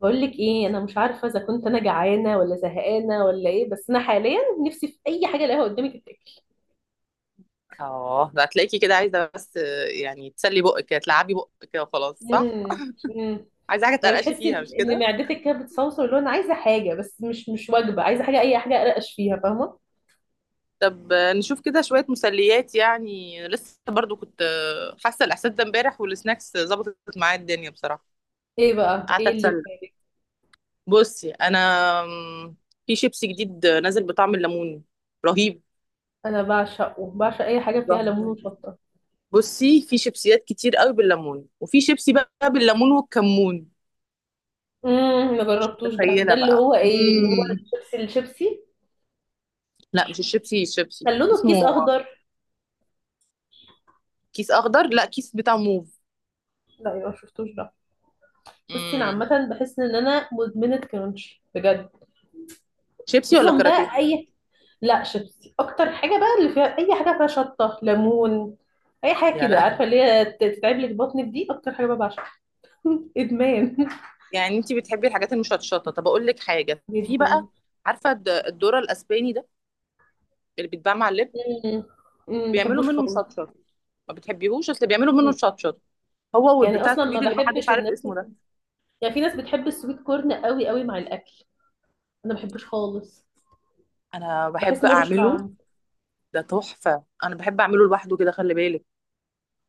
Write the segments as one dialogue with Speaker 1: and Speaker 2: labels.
Speaker 1: بقول لك ايه؟ انا مش عارفه اذا كنت انا جعانه ولا زهقانه ولا ايه، بس انا حاليا نفسي في اي حاجه الاقيها قدامي تتاكل.
Speaker 2: اه ده هتلاقيكي كده عايزه بس يعني تسلي بقك كده تلعبي بقك كده وخلاص صح.
Speaker 1: امم امم
Speaker 2: عايزه حاجه
Speaker 1: يعني
Speaker 2: تقرقشي
Speaker 1: بتحسي
Speaker 2: فيها
Speaker 1: ان
Speaker 2: مش
Speaker 1: إن
Speaker 2: كده؟
Speaker 1: معدتك كده بتصوصو، اللي هو انا عايزه حاجه بس مش وجبه، عايزه حاجه، اي حاجه ارقش فيها، فاهمه؟
Speaker 2: طب نشوف كده شويه مسليات، يعني لسه برضو كنت حاسه الاحساس ده امبارح والسناكس ظبطت معايا الدنيا بصراحه.
Speaker 1: ايه بقى،
Speaker 2: قعدت
Speaker 1: ايه اللي في
Speaker 2: اتسلى.
Speaker 1: بالك؟
Speaker 2: بصي انا، آم، في شيبسي جديد نازل بطعم الليمون، رهيب.
Speaker 1: انا بعشقه، بعشق اي حاجه فيها ليمون
Speaker 2: رهيب.
Speaker 1: وشطه.
Speaker 2: بصي، في شيبسيات كتير قوي بالليمون، وفي شيبسي بقى بالليمون والكمون.
Speaker 1: ما
Speaker 2: مش
Speaker 1: جربتوش ده،
Speaker 2: متخيله
Speaker 1: اللي
Speaker 2: بقى.
Speaker 1: هو ايه، اللي هو الشيبسي الشيبسي
Speaker 2: لا، مش الشيبسي الشيبسي
Speaker 1: كان لونه الكيس
Speaker 2: اسمه.
Speaker 1: اخضر؟
Speaker 2: كيس اخضر؟ لا، كيس بتاع موف.
Speaker 1: لا، يبقى ما شفتوش ده. بصي، انا
Speaker 2: امم
Speaker 1: عامه بحس ان انا مدمنه كرانشي بجد.
Speaker 2: شيبسي ولا
Speaker 1: خصوصا
Speaker 2: كاراتيه؟
Speaker 1: بقى اي... لا، شيبسي اكتر حاجه، بقى اللي فيها اي حاجه فيها شطه ليمون. اي حاجه
Speaker 2: يا
Speaker 1: كده عارفه
Speaker 2: لهوي.
Speaker 1: اللي هي تتعب لك بطنك، دي اكتر حاجه بقى بعشقها. ادمان
Speaker 2: يعني انت بتحبي الحاجات المشطشطه، طب اقول لك حاجه في
Speaker 1: جدا.
Speaker 2: بقى. عارفه الذره الاسباني ده اللي بيتباع مع اللب؟
Speaker 1: مم. مم،
Speaker 2: بيعملوا
Speaker 1: بحبوش
Speaker 2: منه
Speaker 1: خالص.
Speaker 2: مشطشط. ما بتحبيهوش؟ اصل بيعملوا منه
Speaker 1: مم.
Speaker 2: مشطشط هو
Speaker 1: يعني
Speaker 2: والبتاع
Speaker 1: اصلا ما
Speaker 2: الطويل اللي ما حدش
Speaker 1: بحبش
Speaker 2: عارف
Speaker 1: الناس،
Speaker 2: اسمه ده.
Speaker 1: يعني في ناس بتحب السويت كورن قوي قوي مع الاكل. انا ما بحبوش خالص،
Speaker 2: انا
Speaker 1: بحس
Speaker 2: بحب
Speaker 1: انه ملوش
Speaker 2: اعمله.
Speaker 1: طعم.
Speaker 2: ده تحفه، انا بحب اعمله لوحده كده، خلي بالك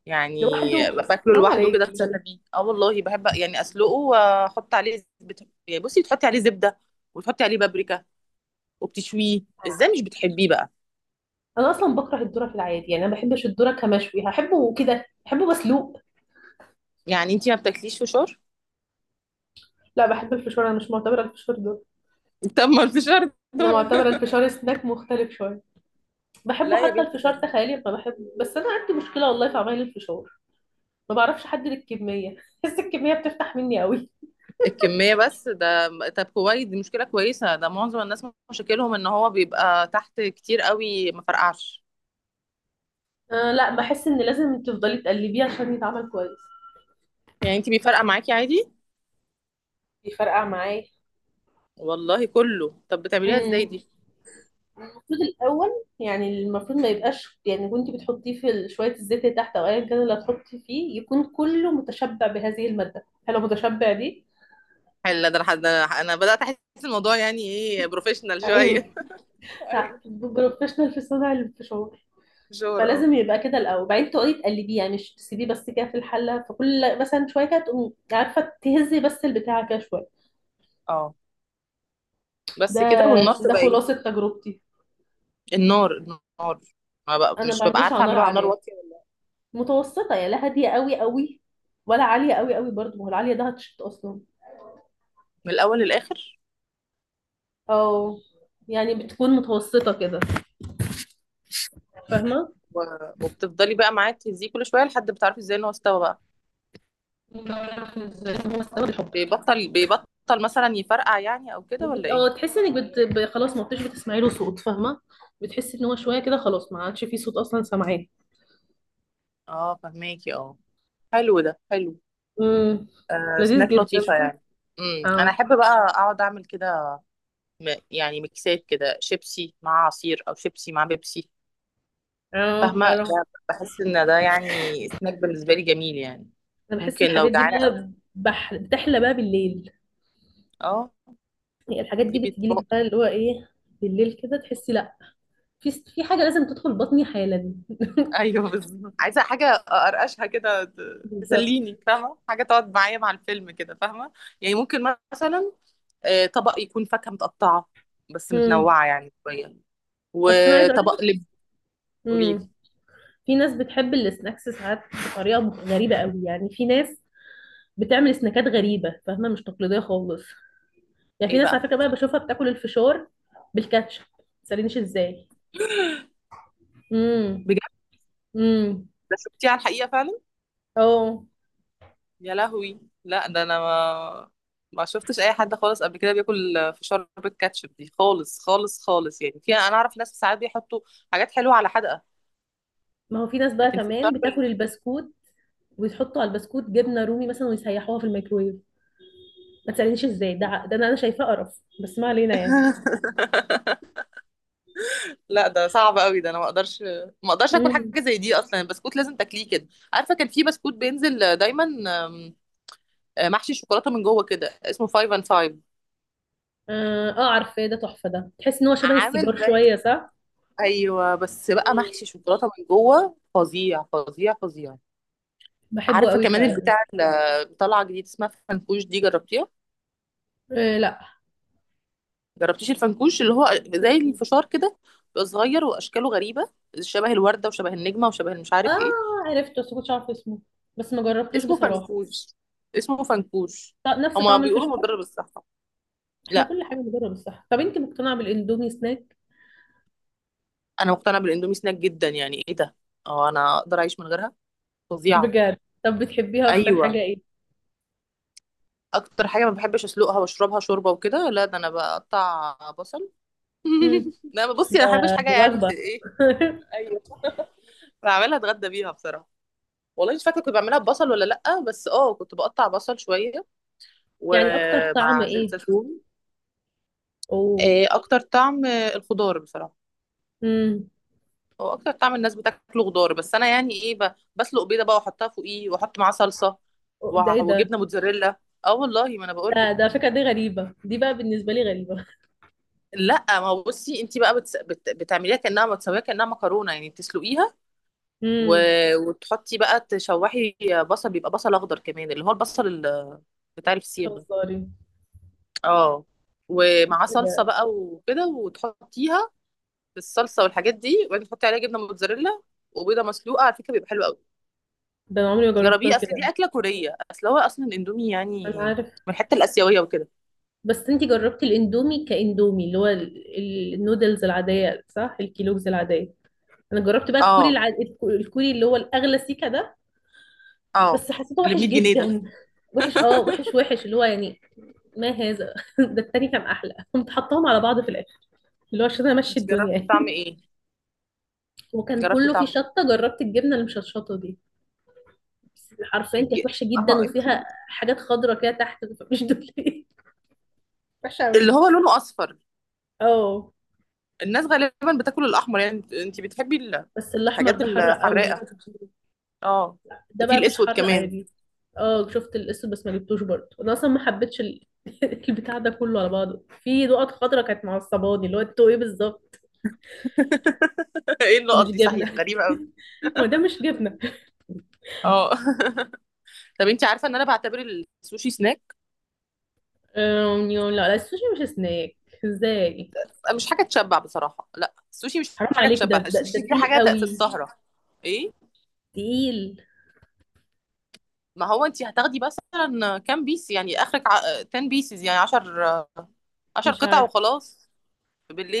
Speaker 2: يعني.
Speaker 1: لوحده.
Speaker 2: باكله
Speaker 1: حرام
Speaker 2: لوحده كده،
Speaker 1: عليكي.
Speaker 2: اتسلى بيه. اه والله بحب يعني اسلقه واحط عليه زبده، يعني بصي تحطي عليه زبده وتحطي عليه بابريكا وبتشويه. ازاي مش بتحبيه بقى؟
Speaker 1: انا اصلا بكره الذره في العادي، يعني انا ما بحبش الذره كمشوي، هحبه كده بحبه مسلوق.
Speaker 2: يعني انتي ما بتاكليش فشار؟
Speaker 1: لا، بحب الفشار، انا مش معتبره الفشار ذره.
Speaker 2: طب ما الفشار
Speaker 1: انا
Speaker 2: ذرة.
Speaker 1: معتبره الفشار سناك مختلف شويه. بحبه،
Speaker 2: لا يا
Speaker 1: حتى
Speaker 2: بنتي،
Speaker 1: الفشار
Speaker 2: ده
Speaker 1: تخيلي ما بحبه، بس انا عندي مشكله والله في عمايل الفشار. ما بعرفش احدد الكميه بحس الكميه بتفتح مني قوي.
Speaker 2: الكمية بس ده. طب كويس، دي مشكلة كويسة، ده معظم الناس مشاكلهم ان هو بيبقى تحت كتير قوي ما فرقعش.
Speaker 1: آه لا، بحس ان لازم تفضلي تقلبيه عشان يتعمل كويس.
Speaker 2: يعني انتي بيفرقع معاكي عادي؟
Speaker 1: بيفرقع معايا.
Speaker 2: والله كله. طب بتعمليها ازاي
Speaker 1: امم
Speaker 2: دي؟
Speaker 1: المفروض الاول، يعني المفروض ما يبقاش، يعني وانت بتحطيه في شويه الزيت اللي تحت، او ايا كان اللي هتحطي فيه يكون كله متشبع بهذه الماده، هل هو متشبع دي.
Speaker 2: حلو ده، لحد ده انا بدأت احس الموضوع يعني ايه، بروفيشنال شوية.
Speaker 1: عيب.
Speaker 2: ايوه،
Speaker 1: بروفيشنال في صنع الفشار.
Speaker 2: فشار اه.
Speaker 1: فلازم يبقى كده الاول، بعدين تقعدي تقلبيه، يعني مش تسيبيه بس كده في الحله، فكل مثلا شويه كده تقومي عارفه تهزي بس البتاع كده شويه.
Speaker 2: اه
Speaker 1: ده
Speaker 2: بس كده؟ والنار
Speaker 1: ده
Speaker 2: تبقى ايه؟
Speaker 1: خلاصه تجربتي.
Speaker 2: النار، النار، ما بقى
Speaker 1: انا ما
Speaker 2: مش ببقى
Speaker 1: بعملوش
Speaker 2: عارفة
Speaker 1: على نار
Speaker 2: اعمله على نار
Speaker 1: عاليه.
Speaker 2: واطية
Speaker 1: متوسطه يعني، لا هاديه قوي قوي ولا عاليه قوي قوي برضه، ما هو العاليه ده هتشط اصلا.
Speaker 2: من الاول للاخر.
Speaker 1: او يعني بتكون متوسطه كده، فاهمه؟
Speaker 2: وبتفضلي بقى معاه تهزيه كل شويه لحد بتعرفي ازاي ان هو استوى بقى.
Speaker 1: بعرف ازاي هو استوى بالحب.
Speaker 2: بيبطل، بيبطل مثلا يفرقع يعني، او كده، ولا ايه؟
Speaker 1: اه تحسي انك خلاص ما بتش بتسمعي له صوت، فاهمه؟ بتحسي ان هو شويه كده خلاص ما عادش فيه صوت اصلا سامعاه.
Speaker 2: اه، فهماكي اه. حلو ده، حلو.
Speaker 1: امم
Speaker 2: آه،
Speaker 1: لذيذ
Speaker 2: سناك
Speaker 1: جدا.
Speaker 2: لطيفه يعني. انا
Speaker 1: اه.
Speaker 2: احب بقى اقعد اعمل كده، يعني ميكسات كده، شيبسي مع عصير او شيبسي مع بيبسي.
Speaker 1: اه
Speaker 2: فاهمه؟
Speaker 1: حلو.
Speaker 2: ده بحس ان ده يعني سناك بالنسبه لي جميل يعني.
Speaker 1: انا بحس
Speaker 2: ممكن لو
Speaker 1: الحاجات دي
Speaker 2: جعانه أوي،
Speaker 1: بقى بتحلى بقى بالليل.
Speaker 2: اه.
Speaker 1: يعني الحاجات
Speaker 2: دي
Speaker 1: دي بتجيلك بقى اللي هو ايه، بالليل كده تحسي لا، في في حاجه لازم تدخل بطني حالا
Speaker 2: ايوه بالظبط، عايزه حاجه ارقشها كده،
Speaker 1: بالظبط.
Speaker 2: تسليني، فاهمه؟ حاجه تقعد معايا مع الفيلم كده، فاهمه؟ يعني ممكن مثلا طبق يكون فاكهه متقطعه بس
Speaker 1: امم
Speaker 2: متنوعه يعني شويه،
Speaker 1: بس انا عايزه اقول
Speaker 2: وطبق
Speaker 1: لك.
Speaker 2: لب. قولي
Speaker 1: امم
Speaker 2: لي.
Speaker 1: في ناس بتحب السناكس ساعات بطريقه غريبه قوي، يعني في ناس بتعمل سناكات غريبه، فاهمه؟ مش تقليديه خالص. يعني في
Speaker 2: ايه
Speaker 1: ناس
Speaker 2: بقى؟
Speaker 1: على فكره بقى بشوفها بتاكل الفشار بالكاتشب، ما تسالنيش ازاي. امم
Speaker 2: بجد؟
Speaker 1: امم
Speaker 2: ده شفتيه على الحقيقه فعلا؟
Speaker 1: اه،
Speaker 2: يا لهوي، لا ده انا ما شفتش اي حد خالص قبل كده بياكل فشار بالكاتشب دي خالص خالص خالص. يعني في، انا اعرف ناس ساعات بيحطوا حاجات حلوه على حدقه،
Speaker 1: ما هو في ناس بقى
Speaker 2: لكن
Speaker 1: كمان
Speaker 2: فشار
Speaker 1: بتاكل
Speaker 2: بال...
Speaker 1: البسكوت ويحطوا على البسكوت جبنه رومي مثلا ويسيحوها في الميكرويف، ما تسالنيش ازاي. ده أنا شايفاه قرف، بس ما علينا يعني.
Speaker 2: لا ده صعب قوي، ده انا ما اقدرش، ما اقدرش اكل حاجه
Speaker 1: امم
Speaker 2: زي دي. اصلا البسكوت لازم تاكليه كده. عارفه كان في بسكوت بينزل دايما، آم، محشي شوكولاته من جوه كده، اسمه فايف اند فايف،
Speaker 1: اه. آه، عارفاه، ده تحفه، ده تحس ان هو شبه السيجار
Speaker 2: عامل زي...
Speaker 1: شويه، صح؟
Speaker 2: ايوه، بس بقى محشي
Speaker 1: مم.
Speaker 2: شوكولاته من جوه، فظيع فظيع فظيع.
Speaker 1: بحبه
Speaker 2: عارفه
Speaker 1: قوي
Speaker 2: كمان
Speaker 1: فعلا.
Speaker 2: البتاع اللي طالعه جديد اسمها فنكوش؟ دي جربتيها؟
Speaker 1: آه لا.
Speaker 2: جربتيش الفنكوش، اللي هو زي
Speaker 1: مم.
Speaker 2: الفشار كده، بيبقى صغير واشكاله غريبه، شبه الورده وشبه النجمه وشبه مش عارف ايه.
Speaker 1: اه عرفته بس كنتش عارفه اسمه، بس ما جربتوش
Speaker 2: اسمه
Speaker 1: بصراحه.
Speaker 2: فنكوش. اسمه فنكوش.
Speaker 1: نفس
Speaker 2: هما
Speaker 1: طعم الفشار.
Speaker 2: بيقولوا مضر بالصحة.
Speaker 1: احنا
Speaker 2: لا،
Speaker 1: كل حاجه بنجرب الصح، طب انت مقتنعه بالاندومي سناك؟
Speaker 2: انا مقتنعة بالاندومي سناك جدا، يعني ايه ده. اه، انا اقدر اعيش من غيرها. فظيعة.
Speaker 1: بجد؟ طب بتحبيها اكتر حاجه
Speaker 2: ايوه.
Speaker 1: ايه؟
Speaker 2: اكتر حاجة ما بحبش اسلقها واشربها شوربة وكده، لا ده انا بقطع بصل.
Speaker 1: امم
Speaker 2: لا بصي،
Speaker 1: ده،
Speaker 2: انا ما بحبش حاجة
Speaker 1: دي
Speaker 2: يعني
Speaker 1: وجبه
Speaker 2: ايه. ايوه. بعملها اتغدى بيها بصراحة. والله مش فاكرة كنت بعملها ببصل ولا لأ، بس اه كنت بقطع بصل شوية
Speaker 1: يعني اكتر طعم
Speaker 2: ومع زيت
Speaker 1: ايه؟
Speaker 2: زيتون.
Speaker 1: اوه.
Speaker 2: إيه، اكتر طعم الخضار بصراحة.
Speaker 1: امم
Speaker 2: هو اكتر طعم الناس بتاكله خضار، بس انا يعني ايه، بسلق بيضه بقى واحطها فوقيه واحط معاه صلصه
Speaker 1: أوه، ده ايه ده؟
Speaker 2: وجبنه موتزاريلا. اه والله ما انا بقول لك.
Speaker 1: فكرة دي غريبة، دي بقى بالنسبة لي غريبة.
Speaker 2: لا، ما هو بصي، انت بقى بتعمليها كانها بتسويها كانها مكرونه، يعني تسلقيها و...
Speaker 1: امم
Speaker 2: وتحطي بقى، تشوحي بصل، بيبقى بصل اخضر كمان، اللي هو البصل بتاع الفسيخ ده،
Speaker 1: خساري.
Speaker 2: اه،
Speaker 1: إيه
Speaker 2: ومعاه صلصه
Speaker 1: ده؟
Speaker 2: بقى وكده، وتحطيها في الصلصه والحاجات دي، وبعدين تحطي عليها جبنه موتزاريلا وبيضه مسلوقه، على فكره بيبقى حلو قوي.
Speaker 1: ده انا عمري ما جربتها
Speaker 2: جربيه، اصل
Speaker 1: كده.
Speaker 2: دي اكله كوريه، اصل هو اصلا الاندومي
Speaker 1: انا
Speaker 2: يعني
Speaker 1: عارف.
Speaker 2: من الحته الاسيويه وكده.
Speaker 1: بس انتي جربتي الاندومي كاندومي اللي هو النودلز العادية، صح؟ الكيلوجز العادية. انا جربت بقى الكوري
Speaker 2: اه.
Speaker 1: الكوري اللي هو الاغلى، سيكا ده.
Speaker 2: اه.
Speaker 1: بس حسيته
Speaker 2: اللي ب
Speaker 1: وحش
Speaker 2: 100 جنيه ده؟
Speaker 1: جدا. وحش اه، وحش وحش اللي هو يعني، ما هذا ده التاني كان احلى، كنت حطاهم على بعض في الاخر اللي هو عشان امشي
Speaker 2: انت
Speaker 1: الدنيا
Speaker 2: جربتي طعم
Speaker 1: يعني.
Speaker 2: ايه؟
Speaker 1: وكان
Speaker 2: جربتي
Speaker 1: كله فيه
Speaker 2: طعم
Speaker 1: شطة، جربت الجبنة المشطشطة دي. بس حرفيا
Speaker 2: الج...
Speaker 1: كانت وحشة جدا،
Speaker 2: اه، انت
Speaker 1: وفيها حاجات خضرة كده تحت، مش دول ايه؟ وحشة أوي.
Speaker 2: اللي هو لونه اصفر.
Speaker 1: اه.
Speaker 2: الناس غالبا بتاكل الاحمر، يعني انت، انت بتحبي
Speaker 1: بس الأحمر
Speaker 2: الحاجات
Speaker 1: ده حر قوي.
Speaker 2: الحراقه. اه.
Speaker 1: ده
Speaker 2: ده في
Speaker 1: بقى مش
Speaker 2: الاسود
Speaker 1: حر
Speaker 2: كمان.
Speaker 1: عادي. اه شفت الاسود، بس ما جبتوش برضه، انا اصلا ما حبيتش ال... البتاع ده كله على بعضه في نقط خضرة كانت معصباني اللي هو انتوا ايه بالظبط؟
Speaker 2: ايه
Speaker 1: مش
Speaker 2: النقط دي، صحيح
Speaker 1: جبنة
Speaker 2: غريبه قوي.
Speaker 1: هو ده مش جبنة.
Speaker 2: اه. طب انت عارفه ان انا بعتبر السوشي سناك؟
Speaker 1: لا لا، السوشي مش سناك. ازاي؟
Speaker 2: مش حاجه تشبع بصراحه، لا السوشي مش
Speaker 1: حرام
Speaker 2: حاجه
Speaker 1: عليك،
Speaker 2: تشبع،
Speaker 1: ده
Speaker 2: السوشي دي
Speaker 1: تقيل
Speaker 2: حاجه في
Speaker 1: قوي.
Speaker 2: السهره. ايه؟
Speaker 1: تقيل.
Speaker 2: ما هو انت هتاخدي مثلا كام بيس يعني، اخرك ع... 10 بيسز، يعني 10، 10
Speaker 1: مش
Speaker 2: قطع
Speaker 1: عارف.
Speaker 2: وخلاص،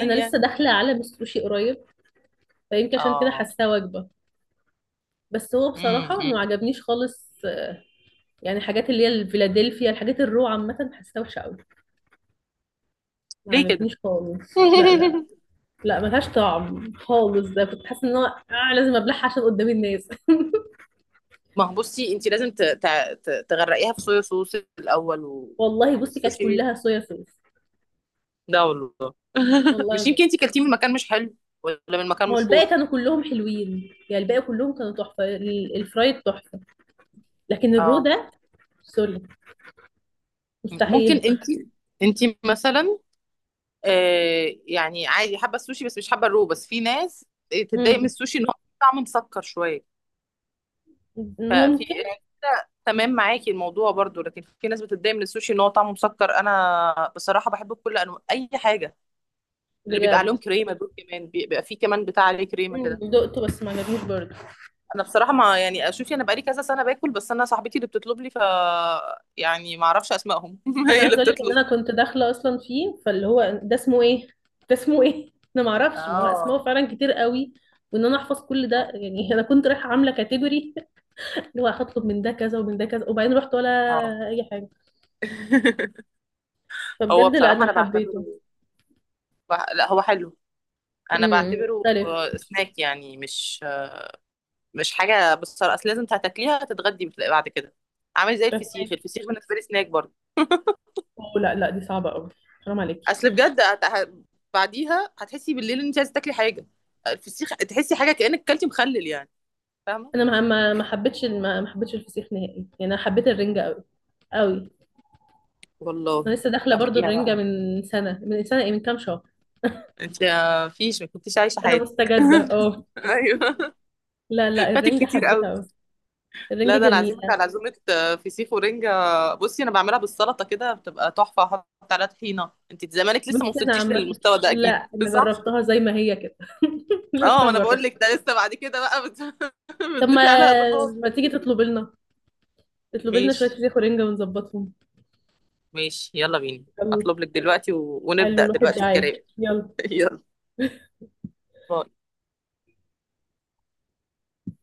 Speaker 1: انا لسه
Speaker 2: يعني.
Speaker 1: داخله عالم السوشي قريب، فيمكن عشان كده
Speaker 2: اه.
Speaker 1: حاساه وجبه. بس هو
Speaker 2: امم
Speaker 1: بصراحه ما عجبنيش خالص. يعني الحاجات اللي هي الفيلادلفيا، الحاجات الرو، عامه حاساها وحشه قوي، ما
Speaker 2: ليه كده؟
Speaker 1: عجبنيش خالص. لا لا. لا ملهاش طعم خالص، ده كنت حاسه ان هو آه لازم ابلعها عشان قدام الناس
Speaker 2: ما هو بصي، انت لازم تغرقيها في صويا صوص الاول و...
Speaker 1: والله
Speaker 2: يعني
Speaker 1: بصي كانت
Speaker 2: السوشي
Speaker 1: كلها صويا صوص.
Speaker 2: ده والله.
Speaker 1: والله
Speaker 2: مش
Speaker 1: العظيم.
Speaker 2: يمكن انت كلتيه من مكان مش حلو ولا من مكان
Speaker 1: ما هو الباقي
Speaker 2: مشهور؟
Speaker 1: كانوا كلهم حلوين يعني، الباقي كلهم كانوا تحفه، الفرايد تحفه. لكن الرو
Speaker 2: اه.
Speaker 1: ده سوري،
Speaker 2: ممكن
Speaker 1: مستحيل.
Speaker 2: انت، انت مثلا آه، يعني عادي حابه السوشي بس مش حابه الرو، بس في ناس تتضايق من
Speaker 1: امم
Speaker 2: السوشي ان هو طعمه مسكر شويه. ففي
Speaker 1: ممكن.
Speaker 2: يعني كده تمام معاكي الموضوع برضو، لكن في ناس بتتضايق من السوشي ان هو طعمه مسكر. انا بصراحه بحبه بكل انواع، اي حاجه. اللي بيبقى عليهم
Speaker 1: بجد.
Speaker 2: كريمه دول كمان، بيبقى فيه كمان بتاع عليه كريمه كده.
Speaker 1: دقته بس ما عجبنيش برضه.
Speaker 2: انا بصراحه، ما يعني شوفي، انا بقالي كذا سنه باكل بس انا صاحبتي اللي بتطلب لي، ف يعني ما اعرفش اسمائهم.
Speaker 1: انا
Speaker 2: هي
Speaker 1: عايزه
Speaker 2: اللي
Speaker 1: اقول لك ان
Speaker 2: بتطلب.
Speaker 1: انا كنت داخله اصلا فيه، فاللي هو ده اسمه ايه ده اسمه ايه؟ انا ما اعرفش، ما هو اسمائه
Speaker 2: اه.
Speaker 1: فعلا كتير قوي، وان انا احفظ كل ده
Speaker 2: اه.
Speaker 1: يعني انا كنت رايحه عامله كاتيجوري اللي هو هطلب من ده كذا ومن ده كذا، وبعدين رحت ولا
Speaker 2: آه.
Speaker 1: اي حاجه.
Speaker 2: هو
Speaker 1: فبجد لا
Speaker 2: بصراحه
Speaker 1: انا
Speaker 2: انا بعتبره،
Speaker 1: حبيته.
Speaker 2: بح... لا هو حلو، انا بعتبره
Speaker 1: مختلف.
Speaker 2: سناك يعني، مش مش حاجه بالصراحه اصل لازم تاكليها تتغدي بعد كده. عامل زي الفسيخ،
Speaker 1: فهمك.
Speaker 2: الفسيخ بالنسبه لي سناك برضه.
Speaker 1: لا لا دي صعبه قوي. حرام عليكي.
Speaker 2: اصل بجد بعديها هتحسي بالليل ان انت عايزه تاكلي حاجه. الفسيخ تحسي حاجه كانك كلتي مخلل يعني، فاهمه؟
Speaker 1: انا ما ما ما حبيتش، ما ما حبيتش الفسيخ نهائي. يعني انا حبيت الرنجه قوي قوي. انا
Speaker 2: والله
Speaker 1: لسه داخله برضو
Speaker 2: تعمليها
Speaker 1: الرنجه
Speaker 2: بقى.
Speaker 1: من سنه، ايه، من كام شهر.
Speaker 2: انت ما فيش، ما كنتيش عايشه
Speaker 1: انا
Speaker 2: حياتك.
Speaker 1: مستجده اه.
Speaker 2: ايوه،
Speaker 1: لا لا،
Speaker 2: فاتك
Speaker 1: الرنجة
Speaker 2: كتير
Speaker 1: حبيتها
Speaker 2: قوي.
Speaker 1: قوي. الرنجة
Speaker 2: لا ده انا عازمك
Speaker 1: جميلة.
Speaker 2: على عزومه فسيخ ورنجه. بصي، انا بعملها بالسلطه كده، بتبقى تحفه، احط عليها طحينه. انت زمانك لسه ما
Speaker 1: بص انا
Speaker 2: وصلتيش
Speaker 1: عامة
Speaker 2: للمستوى ده
Speaker 1: لا،
Speaker 2: اكيد.
Speaker 1: انا
Speaker 2: صح.
Speaker 1: جربتها زي ما هي كده
Speaker 2: اه،
Speaker 1: لسه
Speaker 2: ما
Speaker 1: ما
Speaker 2: انا بقول
Speaker 1: جربت.
Speaker 2: لك، ده لسه بعد كده بقى
Speaker 1: طب ما،
Speaker 2: بتضيفي عليها اضافات.
Speaker 1: ما تيجي تطلب لنا، تطلب لنا شوية
Speaker 2: ماشي.
Speaker 1: فسيخ ورنجة ونظبطهم.
Speaker 2: ماشي، يلا بينا.
Speaker 1: يلا.
Speaker 2: اطلب لك دلوقتي و...
Speaker 1: حلو،
Speaker 2: ونبدأ
Speaker 1: الواحد
Speaker 2: دلوقتي
Speaker 1: جعان.
Speaker 2: الكلام.
Speaker 1: يلا.
Speaker 2: يلا. باي.